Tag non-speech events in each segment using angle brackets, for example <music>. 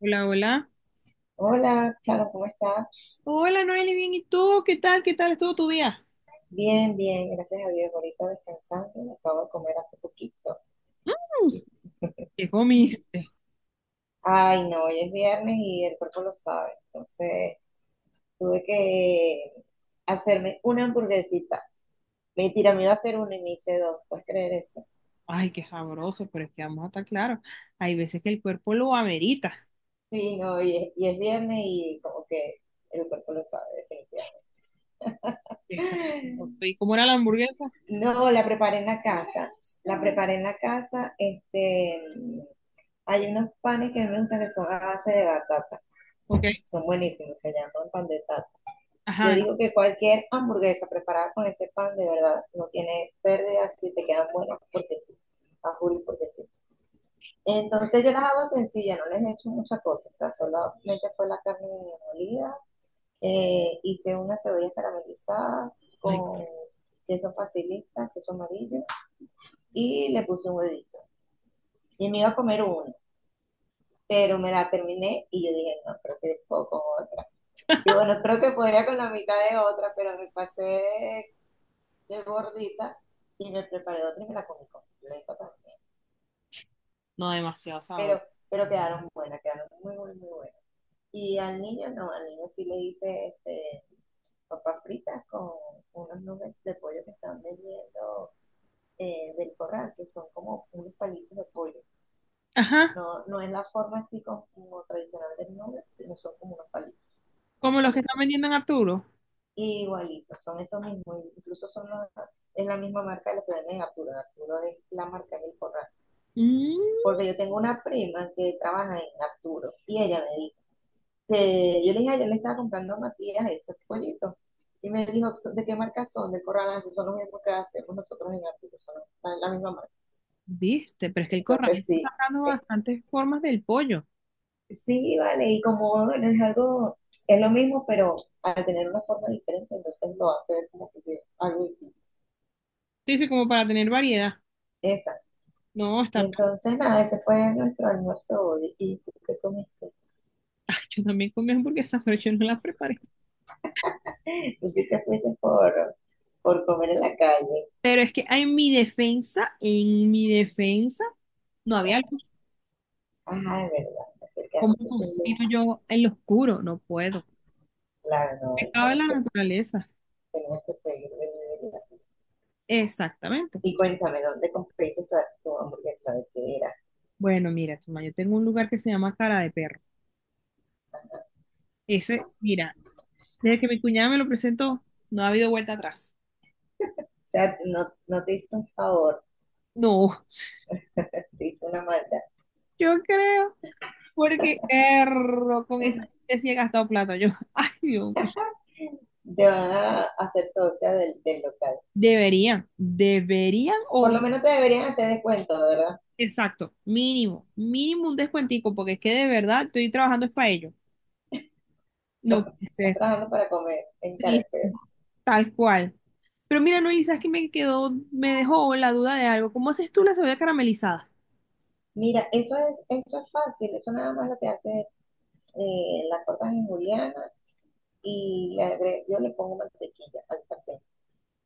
Hola, hola. Hola, Charo, ¿cómo estás? Hola, Noeli, bien. ¿Y tú? ¿Qué tal? ¿Qué tal estuvo tu día? Bien, bien, gracias a Dios. Ahorita descansando, acabo de comer hace poquito. <laughs> ¿Qué comiste? Ay, no, hoy es viernes y el cuerpo lo sabe. Entonces, tuve que hacerme una hamburguesita. Mentira, me iba a hacer una y me hice dos. ¿Puedes creer eso? Ay, qué sabroso, pero es que vamos a estar claros. Hay veces que el cuerpo lo amerita. Sí, no, y es viernes y como que el cuerpo lo sabe, definitivamente. Exacto. ¿Y <laughs> cómo era la hamburguesa? No, la preparé en la casa. La preparé en la casa. Hay unos panes que a mí me gustan que son a base de batata. Ok. Son buenísimos, se llaman pan de tata. Yo Ajá. digo que cualquier hamburguesa preparada con ese pan, de verdad, no tiene pérdida si te quedan buenas porque sí. A Juli porque sí. Entonces yo las hago sencillas, no les he hecho muchas cosas. O sea, solamente fue la carne molida. Hice una cebolla caramelizada Ay, con queso facilita, queso amarillo. Y le puse un huevito. Y me iba a comer uno, pero me la terminé y yo dije, no, creo que puedo con otra. Y bueno, creo que podía con la mitad de otra, pero me pasé de gordita y me preparé otra y me la comí completa también. no, demasiado sabor. Pero, pero quedaron buenas, quedaron muy, muy, muy buenas. Y al niño no, al niño sí le hice papas fritas con unos nubes de pollo que están vendiendo del corral, que son como unos palitos de pollo. Ajá. No, no es la forma así como tradicional del nube, sino son como unos palitos. Como los que están Palitos. vendiendo en Arturo. Igualitos, son esos mismos, incluso es la misma marca de los que venden en Arturo. En Arturo es la marca del corral. Mm, Porque yo tengo una prima que trabaja en Arturo y ella me dijo que yo le dije: "Ay, yo le estaba comprando a Matías esos pollitos. Y me dijo, ¿de qué marca son? Del corral". Ah, sí, son los mismos que hacemos nosotros en Arturo, son la misma marca. viste, pero es que el corral Entonces está sí, sacando eh, bastantes formas del pollo. sí, vale, y como bueno, es algo, es lo mismo, pero al tener una forma diferente, entonces lo hace ver como que es algo distinto. Sí, sí, como para tener variedad. Esa. No, Y está. entonces, nada, ese fue nuestro almuerzo hoy. ¿Y tú qué comiste? <laughs> Yo también comí hamburguesas, pero yo no las preparé. Tú sí te fuiste por comer en la calle. Pero es que en mi defensa, en mi defensa. No había luz. Ajá, es verdad, te ¿Cómo acercaste sin luz. cocino yo en lo oscuro? No puedo. Claro, no, ahí Pecado de la tenías, naturaleza. tenías que pedir delivery. Exactamente. Y cuéntame, ¿dónde compraste tu hamburguesa? ¿De qué era? O Bueno, mira, chama, yo tengo un lugar que se llama Cara de Perro. Ese, mira, desde que mi cuñada me lo presentó, no ha habido vuelta atrás. sea, no, no te hizo un favor, No, <laughs> te hizo una maldad. yo creo, porque erro, con esa <laughs> gente sí he gastado plata. Yo, <laughs> ay, Dios mío. Te van a hacer socia del local. Deberían, deberían Por o, lo menos te deberían hacer descuento, ¿verdad? exacto, mínimo, mínimo un descuentico, porque es que de verdad estoy trabajando es para ello. <laughs> No puede Estás ser. trabajando para comer en Sí, Caracas. tal cual. Pero mira, Noel, ¿sabes qué me quedó? Me dejó la duda de algo. ¿Cómo haces tú la cebolla caramelizada? Mira, eso es fácil, eso nada más lo que hace la cortas en juliana y yo le pongo mantequilla al sartén.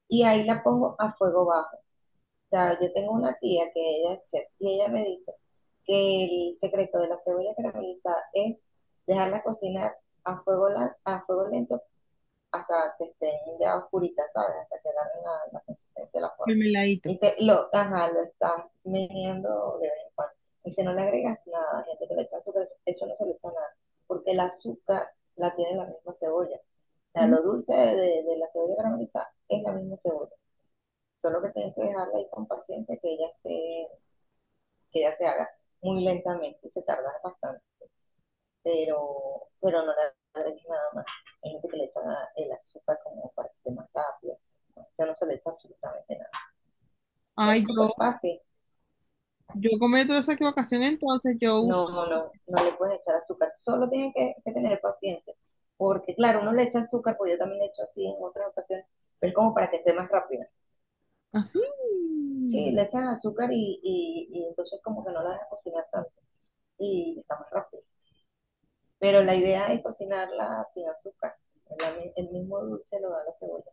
Y ahí la pongo a fuego bajo. O sea, yo tengo una tía que ella es chef y ella me dice que el secreto de la cebolla caramelizada es dejarla cocinar a fuego lento hasta que estén ya oscuritas, ¿sabes? Hasta que agarren la consistencia de la forma. El meladito. Dice, ajá, lo estás meneando de vez en cuando. Dice, no le agregas nada, gente que le echa azúcar, eso no se le echa nada, porque el azúcar la tiene la misma cebolla. O sea, Ujú. lo dulce de la cebolla caramelizada es la misma cebolla. Solo que tienes que dejarla ahí con paciencia que ella, que ella se haga muy lentamente, se tarda bastante, pero no le leche nada más. Hay gente que le echa el azúcar como para que esté más rápido. O sea, no se le echa absolutamente nada. O sea, Ay, es yo, súper fácil. yo cometo esa equivocación, entonces yo uso No, no, no le puedes echar azúcar. Solo tienen que tener paciencia. Porque, claro, uno le echa azúcar, porque yo también le echo así en otras ocasiones, pero como para que esté más rápida. así. Sí, le echan azúcar y entonces como que no la dejan cocinar tanto y está más rápido. Pero la idea es cocinarla sin azúcar. El mismo dulce lo da la cebolla.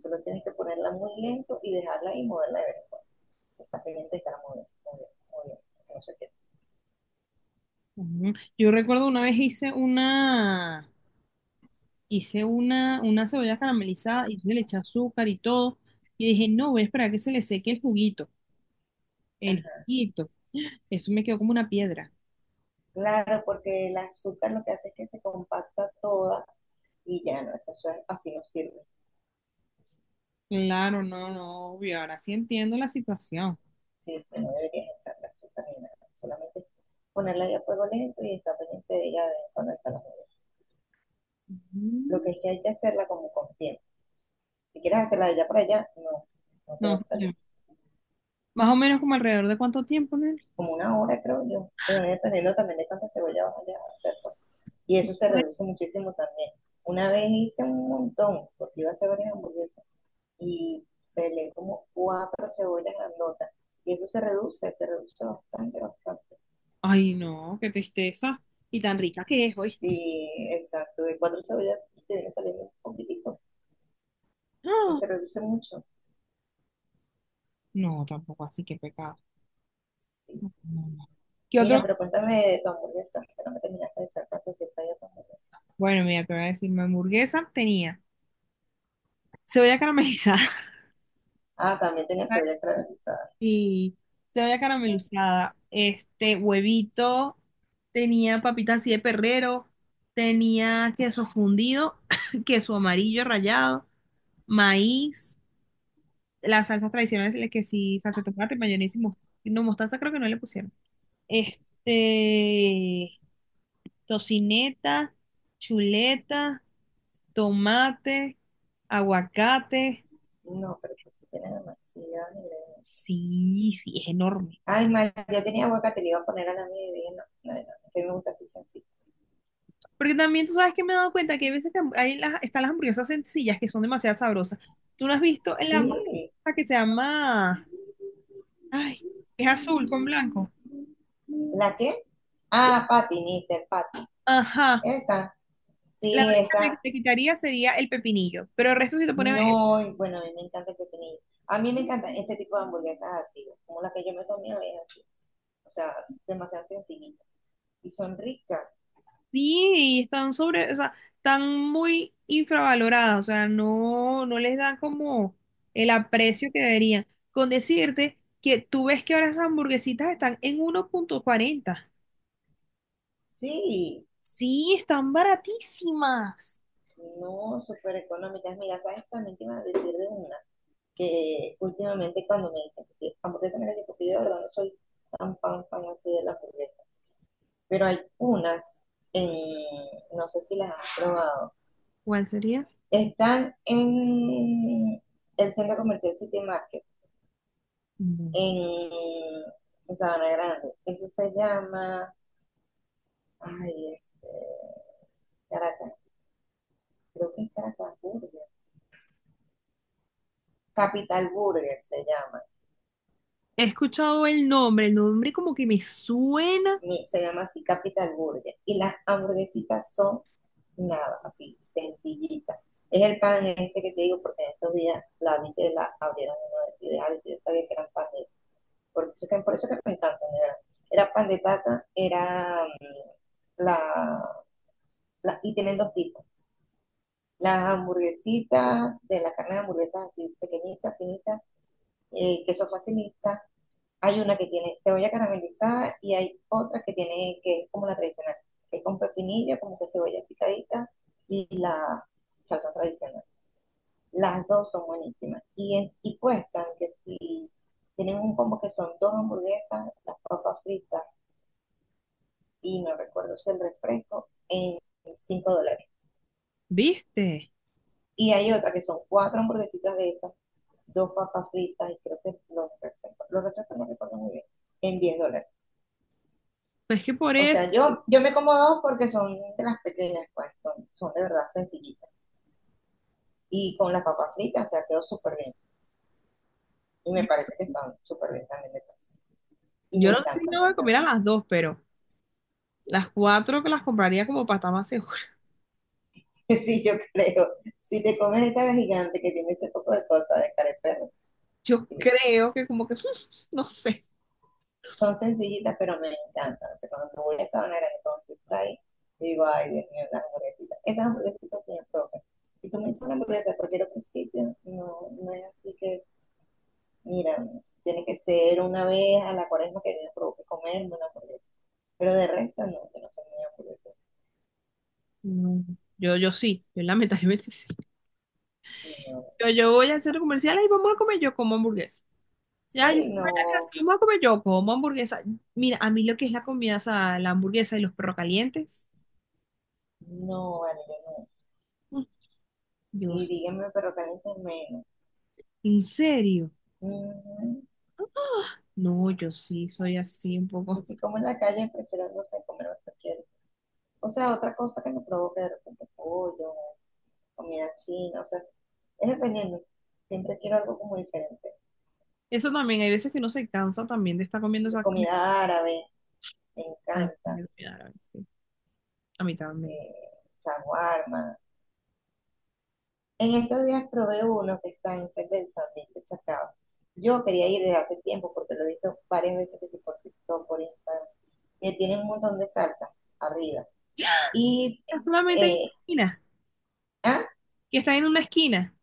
Solo tienes que ponerla muy lento y dejarla ahí y moverla de vez en cuando. Está pendiente y estará moviendo, moviendo, moviendo. No sé qué. Ujú. Yo recuerdo una vez hice una cebolla caramelizada y yo le eché azúcar y todo. Y dije, no, voy a esperar a que se le seque el juguito, el Ajá. juguito. Eso me quedó como una piedra. Claro, porque el azúcar lo que hace es que se compacta toda y ya no, así no sirve. Claro, no, no, obvio. Ahora sí entiendo la situación. Sí, sí, no deberías echar la azúcar ni nada. Solamente ponerla ahí a fuego lento y está pendiente de ella de vez en cuando estarla moviendo. Lo Mm. que es que hay que hacerla como con tiempo. Si quieres hacerla de allá para allá, no, no te va No, a salir. ya. ¿Más o menos como alrededor de cuánto tiempo, Nelly? Como una hora, creo yo. Y bueno, dependiendo también de cuánta cebolla vas a hacer, pues. Y eso se reduce muchísimo también. Una vez hice un montón, porque iba a hacer varias hamburguesas, y pelé como cuatro cebollas grandotas. Y eso se reduce bastante, bastante. Ay, no, qué tristeza. Y tan rica que es, ¿oíste? Y exacto, de cuatro cebollas te viene saliendo un poquitico, <gasps> ¡Ah! pues se reduce mucho. No, tampoco así, qué pecado. Sí, No, sí, no. sí. ¿Qué Mira, otro? pero cuéntame de tu hamburguesa, que no me terminaste de echar tantos detalles de tu hamburguesa. Bueno, mira, te voy a decir, mi hamburguesa tenía cebolla caramelizada. Ah, también tenía <laughs> cebolla caramelizada. Y cebolla caramelizada, este huevito, tenía papitas así de perrero, tenía queso fundido, <coughs> <laughs> queso amarillo rallado, maíz. Las salsas tradicionales, la que sí, salsa de tomate, mayonesa y mostaza. No, mostaza creo que no le pusieron. Este, tocineta, chuleta, tomate, aguacate. No, pero eso sí tiene demasiadas ingredientes. Sí, sí, es enorme. Ay, mal, ya tenía boca, te le iba a poner a la mía y dije, no, no, no, que me gusta así sencilla. Porque también tú sabes que me he dado cuenta que hay veces que hay las, están las hamburguesas sencillas que son demasiado sabrosas. ¿Tú no has visto en la Sí, hamburguesa que se llama... Ay, es azul con blanco? ¿la qué? Ah, Patty, Mister Patty. Ajá. Esa, La sí, única esa. que te quitaría sería el pepinillo. Pero el resto, si te pones... No, bueno, a mí me encanta el pepinillo. A mí me encanta ese tipo de hamburguesas así, como la que yo me comí hoy, es así. O sea, demasiado sencillita. Y son ricas. Sí, y están sobre, o sea, están muy infravaloradas, o sea, no, no les dan como el aprecio que deberían. Con decirte que tú ves que ahora esas hamburguesitas están en 1.40. Sí, Sí, están baratísimas. no, súper económicas. Mira, ¿sabes? También te iba a decir de una, que últimamente cuando me dicen que sí, hamburguesa, mira, yo porque yo de verdad no soy tan fan, fan así de la hamburguesa, pero hay unas, en, no sé si las has probado, ¿Cuál sería? están en el centro comercial City Market, Mm. en, en Sabana Grande. Eso se llama, ay, Caracas, creo que es Caracas Burger. Capital Burger se llama. He escuchado el nombre como que me suena, Se llama así Capital Burger. Y las hamburguesitas son nada, así, sencillitas. Es el pan este que te digo, porque en estos días la vi que la abrieron en la universidad y yo sabía que eran pan de por eso que me encanta. Era pan de tata, era la, y tienen dos tipos. Las hamburguesitas, de la carne de hamburguesas así pequeñitas, finitas, queso facilita. Hay una que tiene cebolla caramelizada y hay otra que tiene, que es como la tradicional, que es con pepinillo, como que cebolla picadita y la salsa tradicional. Las dos son buenísimas. Y cuestan que si tienen un combo que son dos hamburguesas, las papas fritas y no recuerdo si el refresco, en $5. ¿viste? Y hay otra que son cuatro hamburguesitas de esas, dos papas fritas y creo que los refrescos, no recuerdo muy bien, en $10. Pues que por O eso, sea, yo me como dos porque son de las pequeñas, pues, son de verdad sencillitas. Y con las papas fritas, o sea, quedó súper bien. Y me yo, parece que están súper bien también de precio. Y yo me no sé si encanta, me me voy a comer encanta. a <laughs> las dos, pero las cuatro que las compraría como para estar más... Sí, yo creo. Si te comes esa gigante que tiene ese poco de cosas de cara de perro, Yo sí, creo que como que, <laughs> no sé. son sencillitas, pero me encantan. O sea, cuando tú voy a Sabana Grande con tu ahí, y digo, ay, Dios mío, las hamburguesitas. Esas hamburguesitas se me propias. Si tú me dices una hamburguesa de cualquier otro sitio, no, no es así que, mira, tiene que ser una vez a la cuaresma que me provoque comerme una hamburguesa. Pero de resto, no, que no soy muy hamburguesa. No, yo sí, yo lamentablemente sí. Y no, Yo voy al centro comercial y vamos a comer, yo como hamburguesa. Ya, yo sí, voy a la casa no, vamos a comer, yo como hamburguesa. Mira, a mí lo que es la comida, o sea, la hamburguesa y los perros calientes, no, vale, yo no. mm, Y Dios, díganme, pero caliente menos. ¿en serio? Mm, No, yo sí, soy así un Y poco. si como en la calle, prefiero, no sé, comer cualquier o sea, otra cosa que me provoque de repente pollo, comida china, o sea, es dependiendo. Siempre quiero algo como diferente. Eso también, hay veces que uno se cansa también de estar comiendo esa comida. Comida árabe, me Ay, encanta. me voy a dar, sí, a mí también. Shawarma. En estos días probé uno que está en frente del San Vicente Chacao. Yo quería ir desde hace tiempo porque lo he visto varias veces que sí por TikTok, por Instagram. Que tiene un montón de salsa arriba. Y, Solamente hay eh, una eh, esquina, ah, que están en una esquina.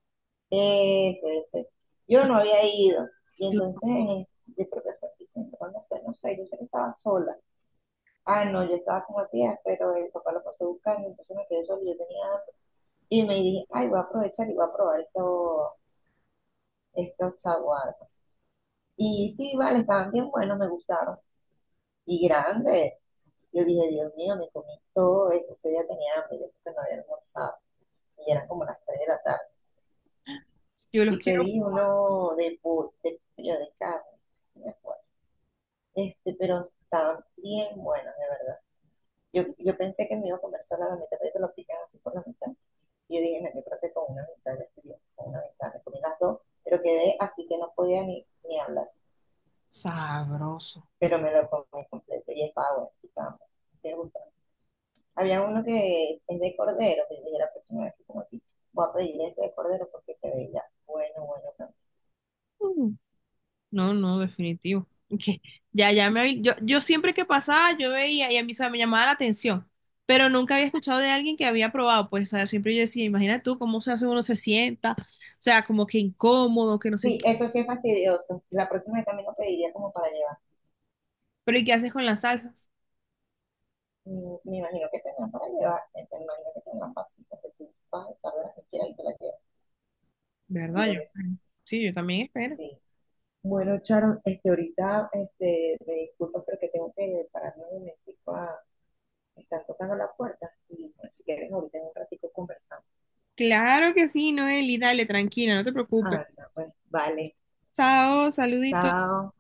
Ese, ese. Yo no había ido. Y Yo, entonces, yo creo que fue diciendo, ¿cuándo fue? No sé, yo sé que estaba sola. Ah, no, yo estaba con Matías pero el papá lo pasó buscando, entonces me quedé sola, yo tenía hambre. Y me dije, ay, voy a aprovechar y voy a probar estos chaguarmas. Y sí, vale, estaban bien buenos, me gustaron. Y grandes. Yo dije, Dios mío, me comí todo eso. Ese día tenía hambre, yo creo que no había almorzado. Y eran como las 3 de la tarde. yo los Y quiero... pedí uno de pollo, de carne, no me acuerdo. Pero estaban bien buenos, de verdad. Yo pensé que me iba a comer solo la mitad, pero te lo pican así por la mitad. Y yo dije, no, yo creo que con una mitad le estoy bien, con una mitad. Me comí las dos, pero quedé así que no podía ni hablar. Sabroso. Pero me lo comí completo y estaba bueno, sí, estaba bueno. Me gustó. Había uno que es de cordero, que yo dije la próxima vez que como aquí, voy a pedir este de cordero porque se veía bueno, bueno, bueno. Mm. No, no, definitivo. <laughs> Que... Ya, ya me habí- yo siempre que pasaba, yo veía y a mí, o sea, me llamaba la atención, pero nunca había escuchado de alguien que había probado, pues, o sea, siempre yo decía, imagina tú cómo se hace uno se sienta, o sea, como que incómodo, que no sé Sí, qué. eso sí es fastidioso. La próxima vez también lo pediría como para llevar. Pero ¿y qué haces con las salsas? Me imagino que tendrán para llevar, me imagino que tendrán pasitas que tú vas a echar de las que quieras y te las llevas, ¿Verdad? digo Yo, yo. sí, yo también espero. Sí. Bueno, Charon, ahorita, me disculpo, pero que tengo que pararme un momentico a... Están tocando la puerta y pues, si quieres ahorita en un ratico conversamos. Claro que sí, Noeli, dale, tranquila, no te preocupes. Ah, no, pues vale, Chao, saluditos. chao.